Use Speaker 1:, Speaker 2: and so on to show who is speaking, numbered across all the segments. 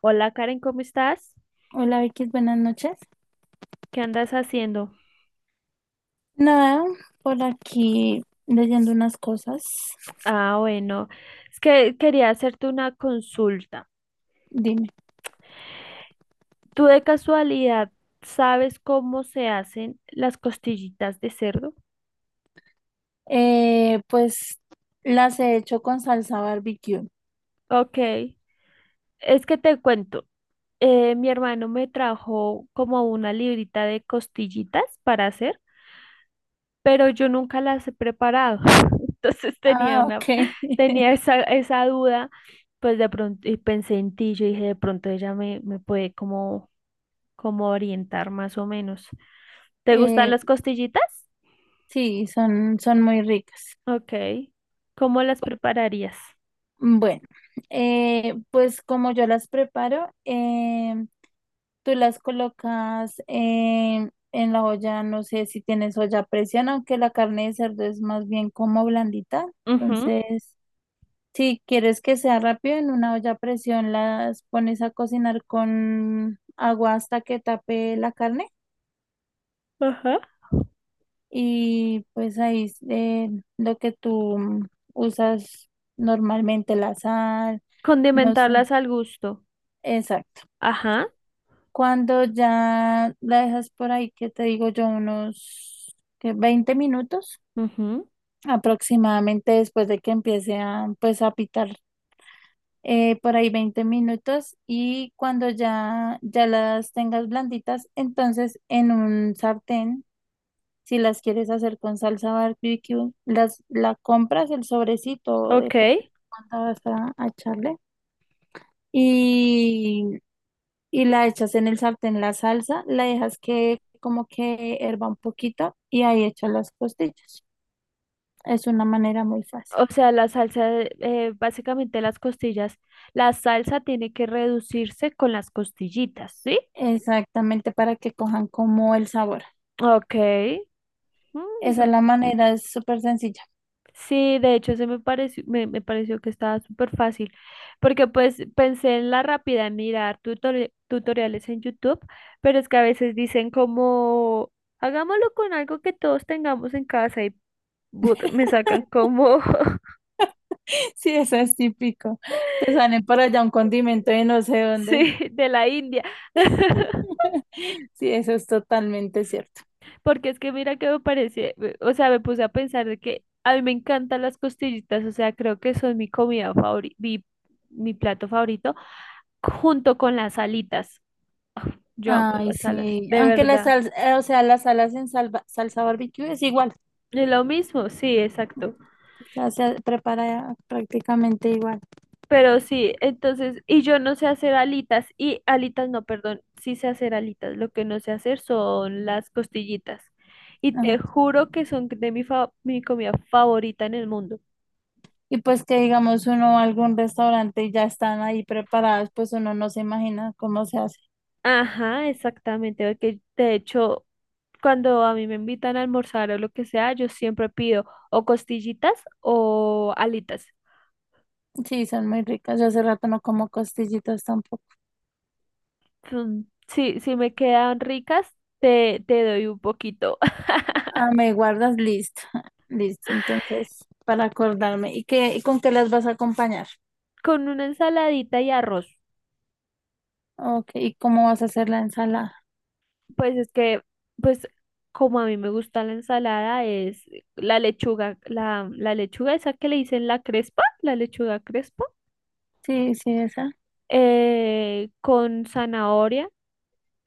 Speaker 1: Hola Karen, ¿cómo estás?
Speaker 2: Hola Vicky, buenas noches.
Speaker 1: ¿Qué andas haciendo?
Speaker 2: Nada, por aquí leyendo unas cosas.
Speaker 1: Ah, bueno, es que quería hacerte una consulta.
Speaker 2: Dime.
Speaker 1: ¿Tú de casualidad sabes cómo se hacen las costillitas de cerdo?
Speaker 2: Pues las he hecho con salsa barbecue.
Speaker 1: Ok, es que te cuento. Mi hermano me trajo como una librita de costillitas para hacer, pero yo nunca las he preparado. Entonces tenía
Speaker 2: Ah,
Speaker 1: una,
Speaker 2: ok.
Speaker 1: tenía esa duda, pues de pronto, y pensé en ti, yo dije, de pronto ella me puede como como orientar más o menos. ¿Te gustan
Speaker 2: Eh,
Speaker 1: las costillitas?
Speaker 2: sí, son muy ricas.
Speaker 1: Ok. ¿Cómo las prepararías?
Speaker 2: Bueno, pues como yo las preparo, tú las colocas en la olla, no sé si tienes olla a presión, aunque la carne de cerdo es más bien como blandita.
Speaker 1: Ujú.
Speaker 2: Entonces. Si quieres que sea rápido, en una olla a presión las pones a cocinar con agua hasta que tape la carne,
Speaker 1: Ajá.
Speaker 2: y pues ahí lo que tú usas normalmente, la sal, no sé,
Speaker 1: Condimentarlas al gusto.
Speaker 2: exacto.
Speaker 1: Ajá.
Speaker 2: Cuando ya la dejas por ahí, que te digo yo, unos ¿qué?, 20 minutos
Speaker 1: Ujú.
Speaker 2: aproximadamente después de que empiece a pues a pitar, por ahí 20 minutos, y cuando ya las tengas blanditas, entonces en un sartén, si las quieres hacer con salsa barbecue, las, la compras el sobrecito, depende
Speaker 1: Ok.
Speaker 2: de cuánta vas a echarle y, y la echas en el sartén la salsa, la dejas que como que herva un poquito y ahí echas las costillas. Es una manera muy fácil.
Speaker 1: O sea, la salsa, básicamente las costillas, la salsa tiene que reducirse con las costillitas, ¿sí?
Speaker 2: Exactamente, para que cojan como el sabor.
Speaker 1: Ok.
Speaker 2: Esa es
Speaker 1: Mm.
Speaker 2: la manera, es súper sencilla.
Speaker 1: Sí, de hecho, se me pareció, me pareció que estaba súper fácil, porque pues pensé en la rápida, en mirar tutoriales en YouTube, pero es que a veces dicen como, hagámoslo con algo que todos tengamos en casa y but, me sacan como,
Speaker 2: Sí, eso es típico. Te salen por allá un condimento de no sé dónde.
Speaker 1: sí, de la India.
Speaker 2: Sí, eso es totalmente cierto.
Speaker 1: Porque es que mira que me parece, o sea, me puse a pensar de que a mí me encantan las costillitas, o sea, creo que son mi comida favorita, mi plato favorito, junto con las alitas. Yo amo
Speaker 2: Ay,
Speaker 1: las alas,
Speaker 2: sí.
Speaker 1: de
Speaker 2: Aunque la
Speaker 1: verdad.
Speaker 2: salsa, o sea, las salas en salsa barbecue es igual.
Speaker 1: Es lo mismo, sí, exacto.
Speaker 2: O sea, se prepara prácticamente igual.
Speaker 1: Pero sí, entonces, y yo no sé hacer alitas, y alitas no, perdón, sí sé hacer alitas. Lo que no sé hacer son las costillitas. Y te
Speaker 2: Ajá.
Speaker 1: juro que son de mi comida favorita en el mundo.
Speaker 2: Y pues que digamos uno va a algún restaurante y ya están ahí preparadas, pues uno no se imagina cómo se hace.
Speaker 1: Ajá, exactamente. Porque de hecho, cuando a mí me invitan a almorzar o lo que sea, yo siempre pido o costillitas o alitas.
Speaker 2: Sí, son muy ricas. Yo hace rato no como costillitas tampoco.
Speaker 1: Mm, sí, si me quedan ricas, te doy un poquito.
Speaker 2: Ah, me guardas, listo. Listo, entonces, para acordarme. ¿Y qué, y con qué las vas a acompañar?
Speaker 1: Con una ensaladita y arroz.
Speaker 2: Ok, ¿y cómo vas a hacer la ensalada?
Speaker 1: Pues es que, pues como a mí me gusta la ensalada, es la lechuga, la lechuga esa que le dicen la crespa, la lechuga crespa,
Speaker 2: Sí, sí, esa.
Speaker 1: con zanahoria,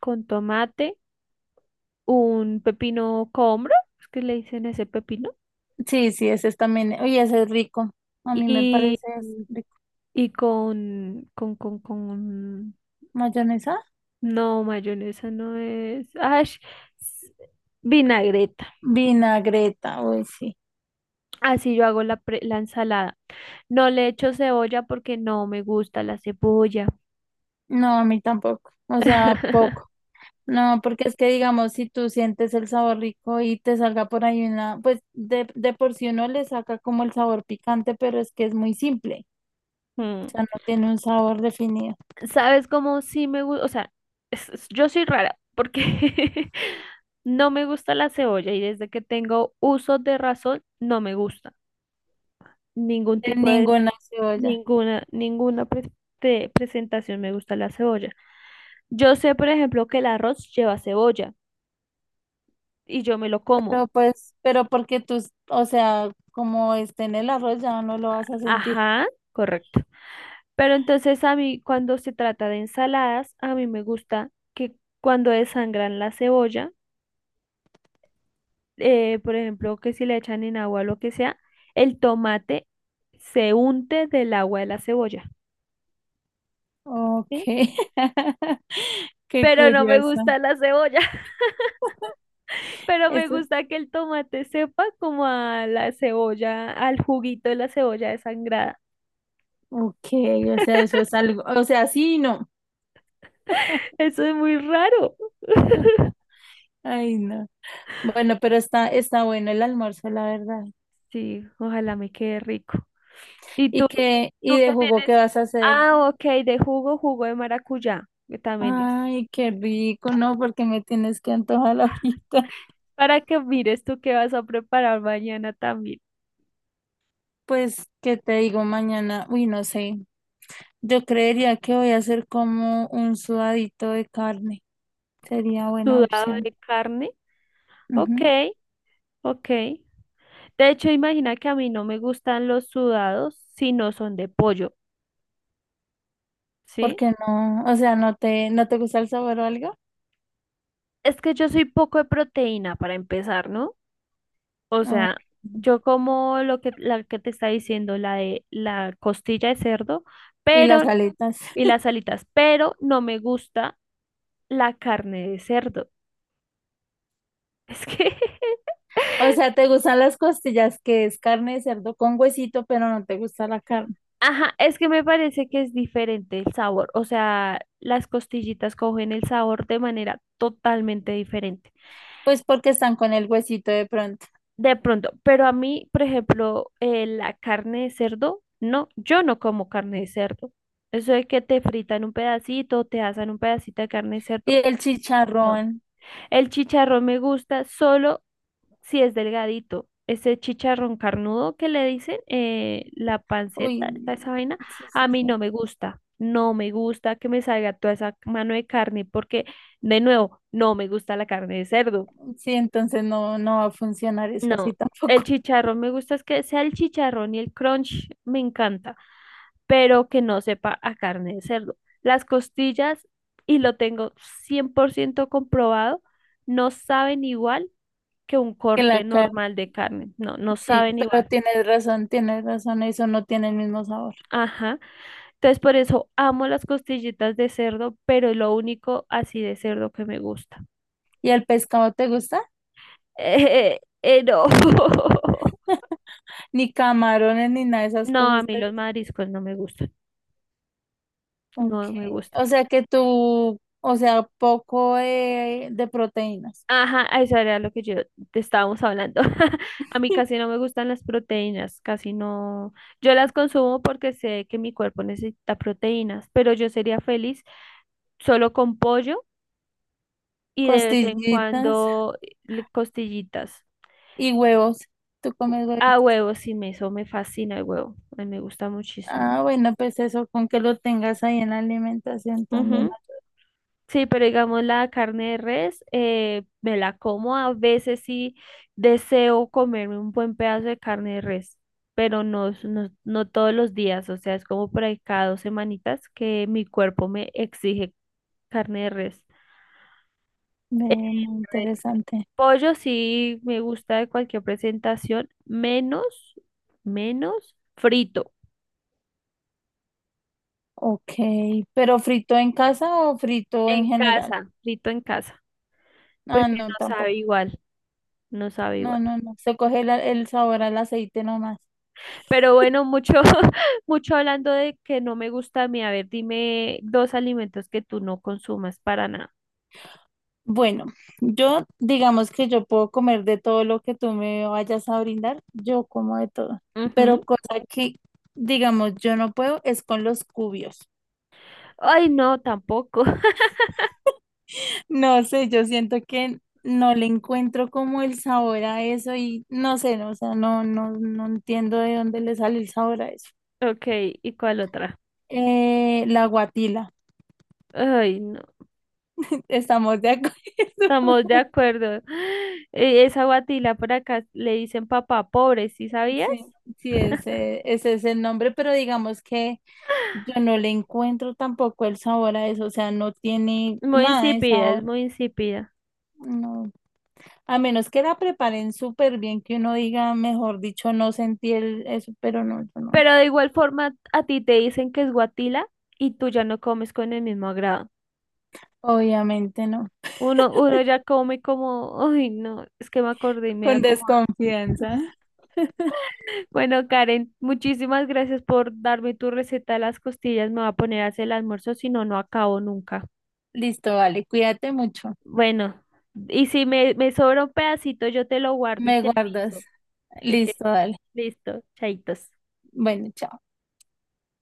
Speaker 1: con tomate, un pepino combro, es que le dicen ese pepino,
Speaker 2: Sí, sí, esa es también. Oye, ese es rico. A mí me
Speaker 1: y,
Speaker 2: parece es rico.
Speaker 1: y con
Speaker 2: ¿Mayonesa?
Speaker 1: no, mayonesa no es. Vinagreta.
Speaker 2: Vinagreta, uy, sí.
Speaker 1: Así yo hago la ensalada. No le echo cebolla porque no me gusta la cebolla.
Speaker 2: No, a mí tampoco. O sea, poco. No, porque es que digamos, si tú sientes el sabor rico y te salga por ahí una, pues de por sí uno le saca como el sabor picante, pero es que es muy simple.
Speaker 1: Mm.
Speaker 2: O sea, no tiene un sabor definido.
Speaker 1: ¿Sabes cómo sí me gusta? O sea, yo soy rara porque no me gusta la cebolla y desde que tengo uso de razón no me gusta. Ningún
Speaker 2: De
Speaker 1: tipo de,
Speaker 2: ninguna cebolla.
Speaker 1: ninguna, ninguna pre- de presentación me gusta la cebolla. Yo sé, por ejemplo, que el arroz lleva cebolla y yo me lo como.
Speaker 2: Pero pues, pero porque tú, o sea, como esté en el arroz ya no lo vas a sentir.
Speaker 1: Ajá, correcto. Pero entonces a mí, cuando se trata de ensaladas, a mí me gusta que cuando desangran la cebolla, por ejemplo, que si le echan en agua o lo que sea, el tomate se unte del agua de la cebolla,
Speaker 2: Ok.
Speaker 1: ¿sí?
Speaker 2: Qué
Speaker 1: Pero no me
Speaker 2: curioso.
Speaker 1: gusta la cebolla. Pero me
Speaker 2: Eso,
Speaker 1: gusta que el tomate sepa como a la cebolla, al juguito de la cebolla desangrada.
Speaker 2: ok, o sea, eso es algo, o sea, sí y no.
Speaker 1: Eso es muy raro.
Speaker 2: Ay, no. Bueno, pero está bueno el almuerzo, la verdad.
Speaker 1: Sí, ojalá me quede rico. ¿Y
Speaker 2: ¿Y qué, y
Speaker 1: tú
Speaker 2: de
Speaker 1: qué
Speaker 2: jugo qué
Speaker 1: tienes?
Speaker 2: vas a hacer?
Speaker 1: Ah, ok, de jugo, jugo de maracuyá, que también es.
Speaker 2: Ay, qué rico, no, porque me tienes que antojar ahorita.
Speaker 1: Para que mires tú qué vas a preparar mañana también.
Speaker 2: Pues, ¿qué te digo mañana? Uy, no sé. Yo creería que voy a hacer como un sudadito de carne. Sería buena
Speaker 1: Sudado
Speaker 2: opción.
Speaker 1: de carne. Ok,
Speaker 2: Ujú.
Speaker 1: ok. De hecho, imagina que a mí no me gustan los sudados si no son de pollo, ¿sí?
Speaker 2: Porque no, o sea, no te gusta el sabor o algo.
Speaker 1: Es que yo soy poco de proteína para empezar, ¿no? O
Speaker 2: O-
Speaker 1: sea, yo como lo que la que te está diciendo, la de la costilla de cerdo,
Speaker 2: Y las
Speaker 1: pero
Speaker 2: aletas.
Speaker 1: y las alitas, pero no me gusta la carne de cerdo. Es que
Speaker 2: O sea, te gustan las costillas, que es carne de cerdo con huesito, pero no te gusta la carne.
Speaker 1: ajá, es que me parece que es diferente el sabor, o sea, las costillitas cogen el sabor de manera totalmente diferente.
Speaker 2: Pues porque están con el huesito de pronto.
Speaker 1: De pronto, pero a mí, por ejemplo, la carne de cerdo, no, yo no como carne de cerdo. Eso de que te fritan un pedacito, te asan un pedacito de carne de
Speaker 2: Y
Speaker 1: cerdo,
Speaker 2: el
Speaker 1: no.
Speaker 2: chicharrón.
Speaker 1: El chicharrón me gusta solo si es delgadito. Ese chicharrón carnudo que le dicen, la panceta, toda
Speaker 2: Uy,
Speaker 1: esa vaina,
Speaker 2: sí, sí,
Speaker 1: a mí
Speaker 2: sí.
Speaker 1: no me gusta. No me gusta que me salga toda esa mano de carne porque, de nuevo, no me gusta la carne de cerdo.
Speaker 2: Sí, entonces no, no va a funcionar eso así
Speaker 1: No,
Speaker 2: tampoco.
Speaker 1: el chicharrón me gusta es que sea el chicharrón y el crunch me encanta, pero que no sepa a carne de cerdo. Las costillas, y lo tengo 100% comprobado, no saben igual que un
Speaker 2: Que la
Speaker 1: corte
Speaker 2: carne.
Speaker 1: normal de carne. No, no
Speaker 2: Sí,
Speaker 1: saben
Speaker 2: pero
Speaker 1: igual.
Speaker 2: tienes razón, eso no tiene el mismo sabor.
Speaker 1: Ajá. Entonces por eso amo las costillitas de cerdo, pero es lo único así de cerdo que me gusta.
Speaker 2: ¿Y el pescado te gusta?
Speaker 1: No.
Speaker 2: Ni camarones, ni nada de esas
Speaker 1: No, a
Speaker 2: cosas
Speaker 1: mí
Speaker 2: te.
Speaker 1: los mariscos no me gustan.
Speaker 2: Ok.
Speaker 1: No me gustan.
Speaker 2: O sea que tú, o sea, poco de proteínas.
Speaker 1: Ajá, a eso era lo que yo te estábamos hablando. A mí casi no me gustan las proteínas, casi no. Yo las consumo porque sé que mi cuerpo necesita proteínas, pero yo sería feliz solo con pollo y de vez en
Speaker 2: Costillitas
Speaker 1: cuando costillitas.
Speaker 2: y huevos. Tú
Speaker 1: U-
Speaker 2: comes
Speaker 1: A
Speaker 2: huevitos.
Speaker 1: huevo, sí, eso me fascina el huevo. A mí me gusta muchísimo.
Speaker 2: Ah, bueno, pues eso, con que lo tengas ahí en la alimentación también.
Speaker 1: Sí, pero digamos la carne de res, me la como a veces sí deseo comerme un buen pedazo de carne de res, pero no, no, no todos los días, o sea, es como por ahí cada dos semanitas que mi cuerpo me exige carne de res.
Speaker 2: Ve, muy interesante.
Speaker 1: Pollo sí me gusta de cualquier presentación, menos
Speaker 2: Ok, ¿pero frito en casa o frito en general?
Speaker 1: frito en casa,
Speaker 2: Ah,
Speaker 1: porque
Speaker 2: no,
Speaker 1: no sabe
Speaker 2: tampoco.
Speaker 1: igual, no sabe
Speaker 2: No,
Speaker 1: igual.
Speaker 2: no, no. Se coge el sabor al aceite nomás.
Speaker 1: Pero bueno, mucho, mucho hablando de que no me gusta a mí. A ver, dime dos alimentos que tú no consumas para nada.
Speaker 2: Bueno, yo digamos que yo puedo comer de todo lo que tú me vayas a brindar, yo como de todo. Pero
Speaker 1: Ujú.
Speaker 2: cosa que, digamos, yo no puedo es con los cubios.
Speaker 1: Ay, no, tampoco.
Speaker 2: No sé, yo siento que no le encuentro como el sabor a eso y no sé, no, o sea, no, no, no entiendo de dónde le sale el sabor a eso.
Speaker 1: Ok, ¿y cuál otra?
Speaker 2: La guatila.
Speaker 1: Ay, no,
Speaker 2: Estamos de acuerdo.
Speaker 1: estamos de acuerdo. Esa guatila por acá le dicen papá pobre, ¿sí sabías?
Speaker 2: Sí, sí, ese es el nombre, pero digamos que yo no le encuentro tampoco el sabor a eso, o sea, no tiene
Speaker 1: Muy
Speaker 2: nada de
Speaker 1: insípida, es
Speaker 2: sabor,
Speaker 1: muy insípida.
Speaker 2: no. A menos que la preparen súper bien, que uno diga, mejor dicho, no sentí el, eso, pero no, yo no.
Speaker 1: Pero de igual forma, a ti te dicen que es guatila y tú ya no comes con el mismo agrado.
Speaker 2: Obviamente no.
Speaker 1: Uno ya come como, ay, no, es que me acordé y me
Speaker 2: Con
Speaker 1: da como... asco.
Speaker 2: desconfianza.
Speaker 1: Bueno, Karen, muchísimas gracias por darme tu receta de las costillas. Me voy a poner a hacer el almuerzo, si no, no acabo nunca.
Speaker 2: Listo, vale, cuídate mucho.
Speaker 1: Bueno, y si me sobra un pedacito, yo te lo guardo y
Speaker 2: Me
Speaker 1: te
Speaker 2: guardas.
Speaker 1: aviso.
Speaker 2: Listo, dale.
Speaker 1: Listo, chaitos.
Speaker 2: Bueno, chao.